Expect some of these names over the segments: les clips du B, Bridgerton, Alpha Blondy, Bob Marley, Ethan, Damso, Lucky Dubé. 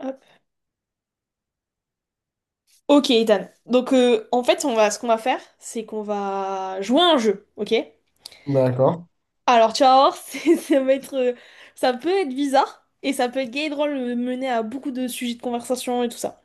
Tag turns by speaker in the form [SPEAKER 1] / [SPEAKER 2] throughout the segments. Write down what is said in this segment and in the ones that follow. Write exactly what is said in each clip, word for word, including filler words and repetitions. [SPEAKER 1] Hop. Ok, Ethan. Donc, euh, en fait, on va, ce qu'on va faire, c'est qu'on va jouer à un jeu, ok?
[SPEAKER 2] D'accord,
[SPEAKER 1] Alors, tu vas voir, c'est- ça va être, euh, ça peut être bizarre et ça peut être gay et drôle, euh, mener à beaucoup de sujets de conversation et tout ça.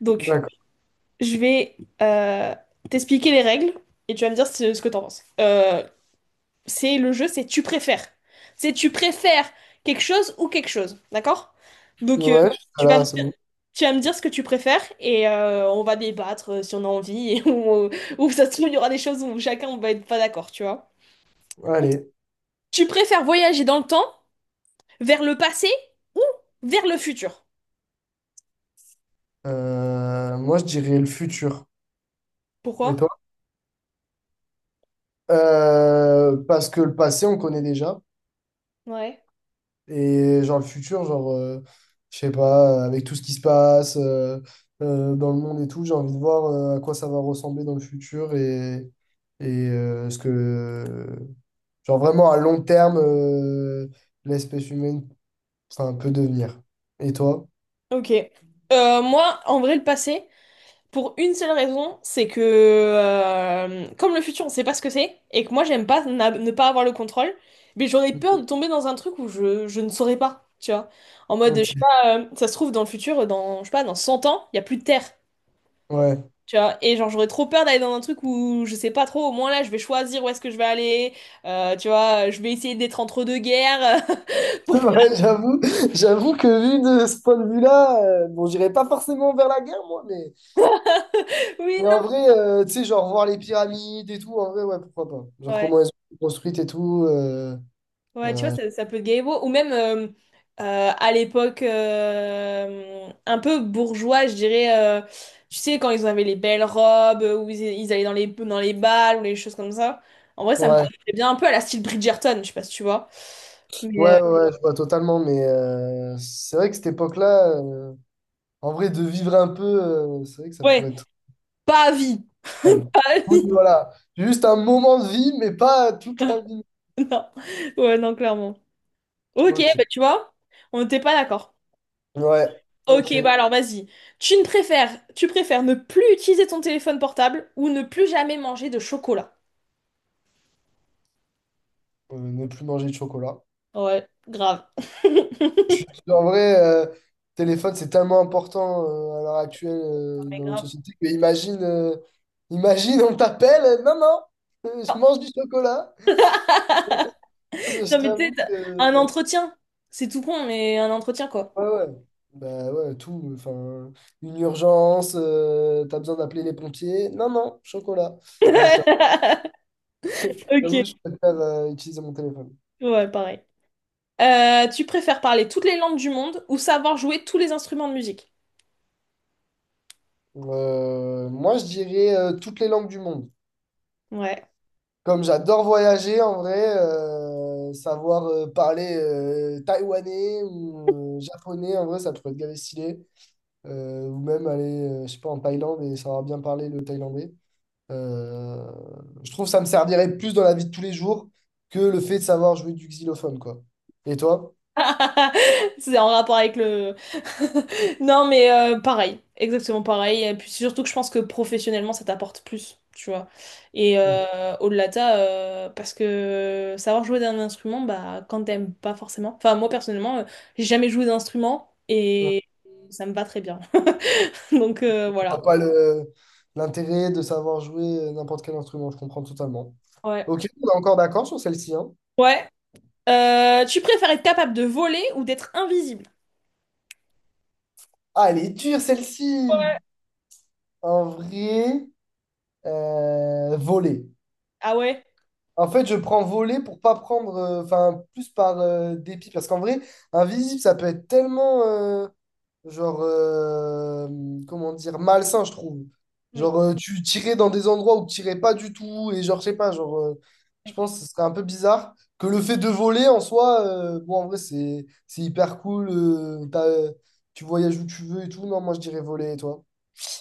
[SPEAKER 1] Donc,
[SPEAKER 2] d'accord.
[SPEAKER 1] je vais euh, t'expliquer les règles et tu vas me dire ce, ce que t'en penses. Euh, c'est le jeu, c'est tu préfères. C'est tu préfères quelque chose ou quelque chose, d'accord? Donc euh,
[SPEAKER 2] Ouais, ah
[SPEAKER 1] tu vas me,
[SPEAKER 2] là, c'est bon.
[SPEAKER 1] tu vas me dire ce que tu préfères et euh, on va débattre euh, si on a envie et on- ou ça se trouve il y aura des choses où chacun on va être pas d'accord, tu vois.
[SPEAKER 2] Allez,
[SPEAKER 1] Tu préfères voyager dans le temps, vers le passé ou vers le futur?
[SPEAKER 2] euh, moi je dirais le futur. Et
[SPEAKER 1] Pourquoi?
[SPEAKER 2] toi? Euh, parce que le passé, on connaît déjà.
[SPEAKER 1] Ouais.
[SPEAKER 2] Et genre le futur, genre, euh, je sais pas, avec tout ce qui se passe euh, euh, dans le monde et tout, j'ai envie de voir euh, à quoi ça va ressembler dans le futur et, et euh, ce que, genre vraiment à long terme, euh, l'espèce humaine, enfin, peut devenir. Et toi?
[SPEAKER 1] Ok. Euh, moi, en vrai, le passé. Pour une seule raison, c'est que euh, comme le futur, on sait pas ce que c'est, et que moi j'aime pas na- ne pas avoir le contrôle, mais j'aurais peur de tomber dans un truc où je, je ne saurais pas, tu vois. En mode, je
[SPEAKER 2] Ok,
[SPEAKER 1] sais pas, euh, ça se trouve dans le futur, dans, je sais pas, dans cent ans, il y a plus de terre,
[SPEAKER 2] ouais.
[SPEAKER 1] tu vois. Et genre j'aurais trop peur d'aller dans un truc où je sais pas trop, au moins là je vais choisir où est-ce que je vais aller, euh, tu vois, je vais essayer d'être entre deux guerres. Bon,
[SPEAKER 2] Ouais, j'avoue, j'avoue que vu de ce point de vue-là, euh, bon, j'irai pas forcément vers la guerre, moi, mais,
[SPEAKER 1] oui,
[SPEAKER 2] mais en
[SPEAKER 1] non.
[SPEAKER 2] vrai, euh, tu sais, genre voir les pyramides et tout, en vrai, ouais, pourquoi pas. Genre
[SPEAKER 1] Ouais.
[SPEAKER 2] comment elles sont construites et tout. euh,
[SPEAKER 1] Ouais, tu vois,
[SPEAKER 2] euh,
[SPEAKER 1] ça, ça peut être gaévo. Ou même euh, euh, à l'époque euh, un peu bourgeois, je dirais. Euh, tu sais, quand ils avaient les belles robes, euh, où ils, ils allaient dans les, dans les bals, ou les choses comme ça. En vrai, ça me
[SPEAKER 2] ouais,
[SPEAKER 1] plaît bien un peu à la style Bridgerton, je sais pas si tu vois. Mais
[SPEAKER 2] ouais,
[SPEAKER 1] euh,
[SPEAKER 2] ouais, ouais, je vois totalement, mais euh, c'est vrai que cette époque-là, euh, en vrai, de vivre un peu, euh, c'est vrai que ça pourrait
[SPEAKER 1] ouais,
[SPEAKER 2] être
[SPEAKER 1] pas à vie.
[SPEAKER 2] pas mal.
[SPEAKER 1] Pas à
[SPEAKER 2] Oui,
[SPEAKER 1] vie.
[SPEAKER 2] voilà, juste un moment de vie, mais pas toute la vie.
[SPEAKER 1] Non. Ouais, non, clairement. Ok,
[SPEAKER 2] Ok,
[SPEAKER 1] bah tu vois, on n'était pas d'accord.
[SPEAKER 2] ouais,
[SPEAKER 1] Ok,
[SPEAKER 2] ok. Euh,
[SPEAKER 1] bah alors vas-y. Tu ne préfères, tu préfères ne plus utiliser ton téléphone portable ou ne plus jamais manger de chocolat?
[SPEAKER 2] ne plus manger de chocolat.
[SPEAKER 1] Ouais, grave. Non,
[SPEAKER 2] Je suis- En vrai, euh, téléphone, c'est tellement important euh, à l'heure actuelle euh,
[SPEAKER 1] mais
[SPEAKER 2] dans notre
[SPEAKER 1] grave.
[SPEAKER 2] société que imagine, euh, imagine, on t'appelle, euh, non, non, euh, je mange du chocolat. Je
[SPEAKER 1] Non, mais
[SPEAKER 2] t'avoue
[SPEAKER 1] peut-être
[SPEAKER 2] que
[SPEAKER 1] un
[SPEAKER 2] non.
[SPEAKER 1] entretien. C'est tout con, mais un entretien, quoi.
[SPEAKER 2] Ouais, ouais. Bah ouais, tout. Enfin, une urgence, euh, t'as besoin d'appeler les pompiers. Non, non, chocolat. Non, je t'avoue, j'avoue, je
[SPEAKER 1] Ok,
[SPEAKER 2] préfère euh, utiliser mon téléphone.
[SPEAKER 1] ouais, pareil. Euh, tu préfères parler toutes les langues du monde ou savoir jouer tous les instruments de musique?
[SPEAKER 2] Euh, moi, je dirais euh, toutes les langues du monde.
[SPEAKER 1] Ouais.
[SPEAKER 2] Comme j'adore voyager en vrai, euh, savoir euh, parler euh, taïwanais ou euh, japonais, en vrai, ça pourrait être gavé stylé. Euh, ou même aller, euh, je sais pas, en Thaïlande et savoir bien parler le thaïlandais. Euh, je trouve que ça me servirait plus dans la vie de tous les jours que le fait de savoir jouer du xylophone, quoi. Et toi?
[SPEAKER 1] C'est en rapport avec le... Non, mais euh, pareil, exactement pareil. Et puis surtout que je pense que professionnellement, ça t'apporte plus, tu vois. Et
[SPEAKER 2] Mm.
[SPEAKER 1] euh, au-delà de ça, euh, parce que savoir jouer d'un instrument, bah, quand t'aimes pas forcément. Enfin, moi personnellement, euh, j'ai jamais joué d'instrument
[SPEAKER 2] Mm.
[SPEAKER 1] et ça me va très bien. Donc euh,
[SPEAKER 2] Je
[SPEAKER 1] voilà.
[SPEAKER 2] vois pas le, l'intérêt de savoir jouer euh, n'importe quel instrument, je comprends totalement.
[SPEAKER 1] Ouais.
[SPEAKER 2] Ok, on est encore d'accord sur celle-ci, hein?
[SPEAKER 1] Ouais. Euh, tu préfères être capable de voler ou d'être invisible?
[SPEAKER 2] Ah, elle est dure, celle-ci!
[SPEAKER 1] Ouais.
[SPEAKER 2] En vrai. Euh, voler.
[SPEAKER 1] Ah ouais?
[SPEAKER 2] En fait, je prends voler pour pas prendre, euh, enfin, plus par euh, dépit. Parce qu'en vrai, invisible, ça peut être tellement, euh, genre, euh, comment dire, malsain, je trouve.
[SPEAKER 1] Oui.
[SPEAKER 2] Genre, euh, tu tirais dans des endroits où tu tirais pas du tout. Et genre, je sais pas, genre, euh, je pense que ce serait un peu bizarre que le fait de voler en soi, euh, bon, en vrai, c'est, c'est hyper cool. Euh, t'as, euh, tu voyages où tu veux et tout. Non, moi, je dirais voler, et toi?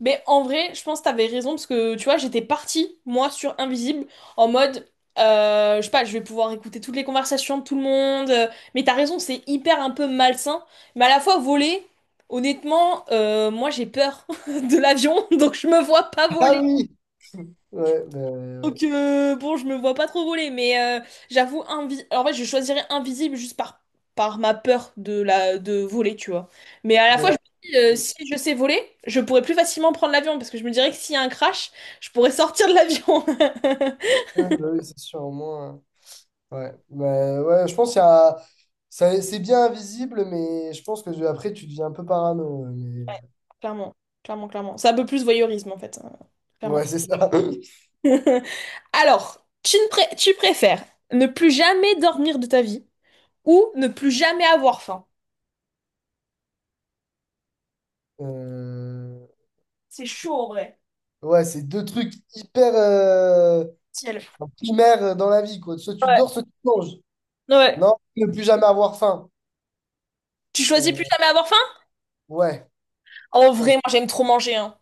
[SPEAKER 1] Mais en vrai, je pense que t'avais raison parce que tu vois, j'étais partie, moi, sur Invisible, en mode, euh, je sais pas, je vais pouvoir écouter toutes les conversations de tout le monde. Euh, mais t'as raison, c'est hyper un peu malsain. Mais à la fois, voler, honnêtement, euh, moi, j'ai peur de l'avion, donc je me vois pas voler.
[SPEAKER 2] Ah oui! Ouais, ben, ouais. Ouais.
[SPEAKER 1] Donc euh, bon, je me vois pas trop voler, mais euh, j'avoue invi- Alors, en fait, je choisirais invisible juste par par ma peur de la de voler, tu vois. Mais à la
[SPEAKER 2] De
[SPEAKER 1] fois, je
[SPEAKER 2] la.
[SPEAKER 1] me dis euh, si je sais voler, je pourrais plus facilement prendre l'avion parce que je me dirais que s'il y a un crash, je pourrais sortir de l'avion.
[SPEAKER 2] Ouais, bah oui, c'est sûr, au moins. euh, Ouais. Mais ouais, je pense qu'il y a. Ça- c'est bien invisible, mais je pense que je- après, tu deviens un peu parano. euh,
[SPEAKER 1] Ouais,
[SPEAKER 2] mais-
[SPEAKER 1] clairement, clairement, clairement. C'est un peu plus voyeurisme en fait, hein, clairement.
[SPEAKER 2] Ouais, c'est ça.
[SPEAKER 1] Alors, tu ne pré- tu préfères ne plus jamais dormir de ta vie ou ne plus jamais avoir faim?
[SPEAKER 2] Euh,
[SPEAKER 1] C'est chaud en vrai.
[SPEAKER 2] Ouais, c'est deux trucs hyper, euh,
[SPEAKER 1] Ciel.
[SPEAKER 2] enfin, primaires euh, dans la vie, quoi. Soit tu
[SPEAKER 1] Ouais.
[SPEAKER 2] dors, soit tu manges.
[SPEAKER 1] Ouais.
[SPEAKER 2] Non, ne plus jamais avoir faim.
[SPEAKER 1] Tu choisis
[SPEAKER 2] Euh,
[SPEAKER 1] plus jamais avoir faim?
[SPEAKER 2] Ouais.
[SPEAKER 1] En vrai,
[SPEAKER 2] Parce-
[SPEAKER 1] moi j'aime trop manger, hein.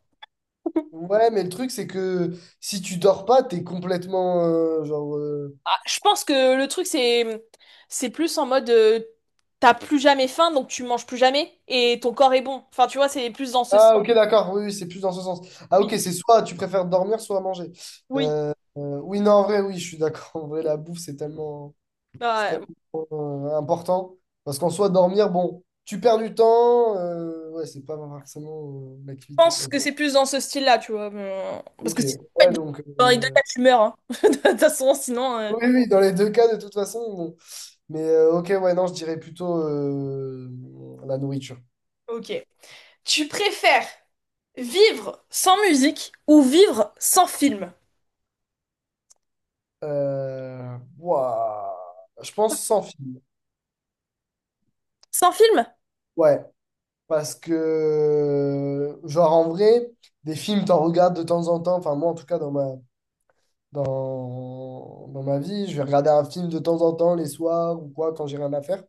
[SPEAKER 2] Ouais, mais le truc, c'est que si tu dors pas, t'es complètement, euh, genre. euh,
[SPEAKER 1] Ah, je pense que le truc c'est c'est plus en mode euh, t'as plus jamais faim donc tu manges plus jamais et ton corps est bon. Enfin tu vois c'est plus dans ce style.
[SPEAKER 2] Ah, ok, d'accord. Oui, oui, c'est plus dans ce sens. Ah, ok,
[SPEAKER 1] Oui,
[SPEAKER 2] c'est soit tu préfères dormir, soit manger.
[SPEAKER 1] oui.
[SPEAKER 2] Euh, euh, oui, non, en vrai, oui, je suis d'accord. En vrai, la bouffe, c'est tellement, c'est
[SPEAKER 1] Ouais, je
[SPEAKER 2] tellement euh, important. Parce qu'en soi, dormir, bon, tu perds du temps. Euh, ouais, c'est pas forcément euh, l'activité.
[SPEAKER 1] pense
[SPEAKER 2] Donc,
[SPEAKER 1] que c'est plus dans ce style-là, tu vois. mais- euh, Parce
[SPEAKER 2] ok.
[SPEAKER 1] que si
[SPEAKER 2] Ouais, donc.
[SPEAKER 1] dans les deux
[SPEAKER 2] Euh,
[SPEAKER 1] cas tu meurs, hein. De toute façon sinon. euh,
[SPEAKER 2] oui, oui, dans les deux cas, de toute façon. Bon. Mais euh, ok, ouais, non, je dirais plutôt euh, la nourriture.
[SPEAKER 1] Ok. Tu préfères vivre sans musique ou vivre sans film?
[SPEAKER 2] Euh, ouah, je pense sans film.
[SPEAKER 1] Sans film?
[SPEAKER 2] Ouais. Parce que, genre, en vrai, des films, t'en regardes de temps en temps. Enfin, moi, en tout cas, dans ma, dans, dans ma vie, je vais regarder un film de temps en temps, les soirs ou quoi, quand j'ai rien à faire.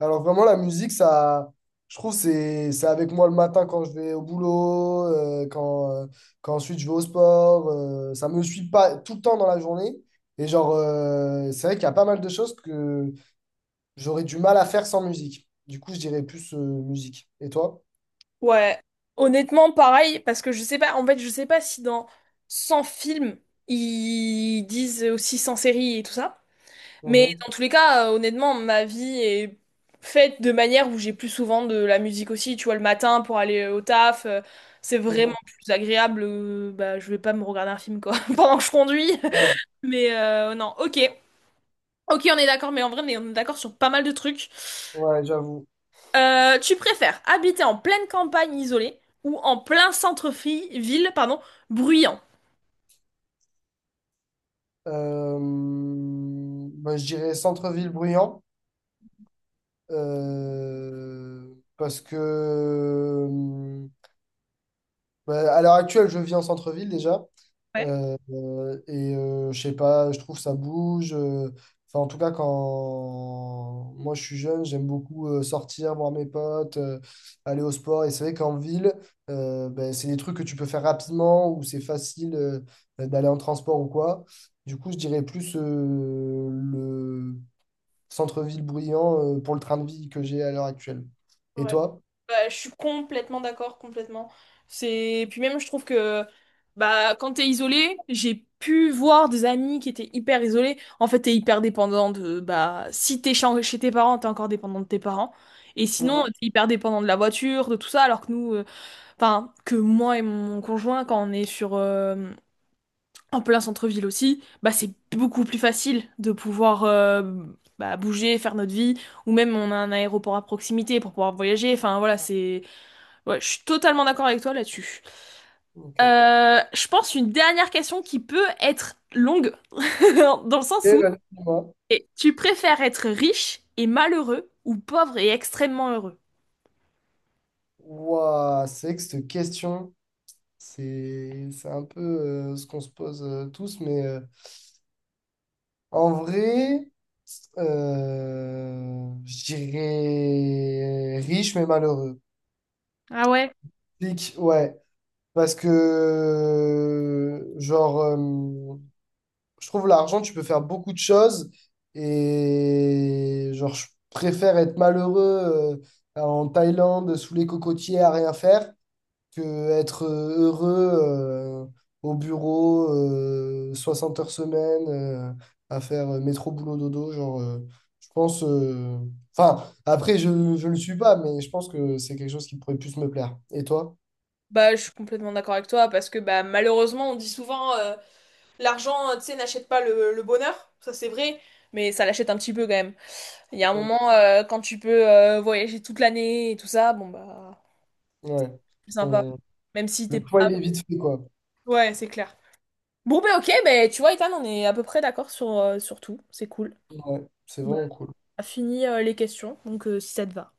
[SPEAKER 2] Alors, vraiment, la musique, ça, je trouve, c'est, c'est avec moi le matin quand je vais au boulot, euh, quand, euh, quand ensuite je vais au sport. Euh, ça me suit pas tout le temps dans la journée. Et, genre, euh, c'est vrai qu'il y a pas mal de choses que j'aurais du mal à faire sans musique. Du coup, je dirais plus, euh, musique. Et toi?
[SPEAKER 1] Ouais, honnêtement, pareil, parce que je sais pas, en fait, je sais pas si dans cent films, ils disent aussi cent séries et tout ça. Mais dans tous les cas, euh, honnêtement, ma vie est faite de manière où j'ai plus souvent de la musique aussi, tu vois, le matin pour aller au taf, euh, c'est vraiment
[SPEAKER 2] Mhm.
[SPEAKER 1] plus agréable. Euh, bah, je vais pas me regarder un film, quoi, pendant que je conduis.
[SPEAKER 2] Ouais,
[SPEAKER 1] Mais euh, non, ok. Ok, on est d'accord, mais en vrai, on est on est d'accord sur pas mal de trucs.
[SPEAKER 2] ouais, j'avoue.
[SPEAKER 1] Euh, tu préfères habiter en pleine campagne isolée ou en plein centre-ville, pardon, bruyant?
[SPEAKER 2] Euh, Bah, je dirais centre-ville bruyant euh, parce que, euh, bah, à l'heure actuelle, je vis en centre-ville déjà. Euh, euh, et, euh, je sais pas, je trouve ça bouge. euh, Enfin, en tout cas, quand moi je suis jeune, j'aime beaucoup euh, sortir, voir mes potes, euh, aller au sport. Et c'est vrai qu'en ville, euh, ben, c'est des trucs que tu peux faire rapidement ou c'est facile euh, d'aller en transport ou quoi. Du coup, je dirais plus euh, le centre-ville bruyant euh, pour le train de vie que j'ai à l'heure actuelle. Et
[SPEAKER 1] Ouais.
[SPEAKER 2] toi?
[SPEAKER 1] Bah, je suis complètement d'accord, complètement. C'est puis même je trouve que bah quand t'es isolé, j'ai pu voir des amis qui étaient hyper isolés. En fait, t'es hyper dépendant de bah si t'es chez chez tes parents, t'es encore dépendant de tes parents. Et
[SPEAKER 2] Mhm,
[SPEAKER 1] sinon, t'es hyper dépendant de la voiture, de tout ça, alors que nous, euh, enfin que moi et mon conjoint, quand on est sur euh, en plein centre-ville aussi, bah c'est beaucoup plus facile de pouvoir euh, bah, bouger, faire notre vie, ou même on a un aéroport à proximité pour pouvoir voyager. Enfin voilà, c'est, ouais, je suis totalement d'accord avec toi là-dessus.
[SPEAKER 2] ok.
[SPEAKER 1] Euh, je pense une dernière question qui peut être longue dans le sens
[SPEAKER 2] Et,
[SPEAKER 1] où
[SPEAKER 2] euh, dis-moi.
[SPEAKER 1] et tu préfères être riche et malheureux ou pauvre et extrêmement heureux?
[SPEAKER 2] Ouah, c'est vrai que cette question, c'est c'est un peu, euh, ce qu'on se pose, euh, tous, mais euh, en vrai, euh, je dirais riche mais malheureux.
[SPEAKER 1] Ah ouais?
[SPEAKER 2] Pique, ouais, parce que, euh, genre, euh, je trouve l'argent, tu peux faire beaucoup de choses, et genre, je préfère être malheureux euh, en Thaïlande, sous les cocotiers, à rien faire. Que être euh, heureux euh, au bureau euh, soixante heures semaine, euh, à faire euh, métro boulot dodo, genre, euh, je pense, euh, enfin, après, je je le suis pas, mais je pense que c'est quelque chose qui pourrait plus me plaire. Et toi?
[SPEAKER 1] Bah, je suis complètement d'accord avec toi parce que bah malheureusement on dit souvent euh, l'argent, euh, tu sais, n'achète pas le, le bonheur, ça c'est vrai, mais ça l'achète un petit peu quand même. Il y a un
[SPEAKER 2] Mm.
[SPEAKER 1] moment, euh, quand tu peux euh, voyager toute l'année et tout ça, bon bah,
[SPEAKER 2] Ouais.
[SPEAKER 1] c'est sympa.
[SPEAKER 2] On-
[SPEAKER 1] Même si
[SPEAKER 2] le
[SPEAKER 1] t'es
[SPEAKER 2] poids,
[SPEAKER 1] pas...
[SPEAKER 2] il est vite fait, quoi.
[SPEAKER 1] Ouais, c'est clair. Bon bah ok, bah, tu vois, Ethan, on est à peu près d'accord sur, euh, sur tout, c'est cool.
[SPEAKER 2] Ouais, c'est
[SPEAKER 1] Bah,
[SPEAKER 2] vraiment cool.
[SPEAKER 1] on a fini euh, les questions, donc euh, si ça te va.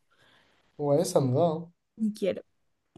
[SPEAKER 2] Ouais, ça me va, hein.
[SPEAKER 1] Nickel.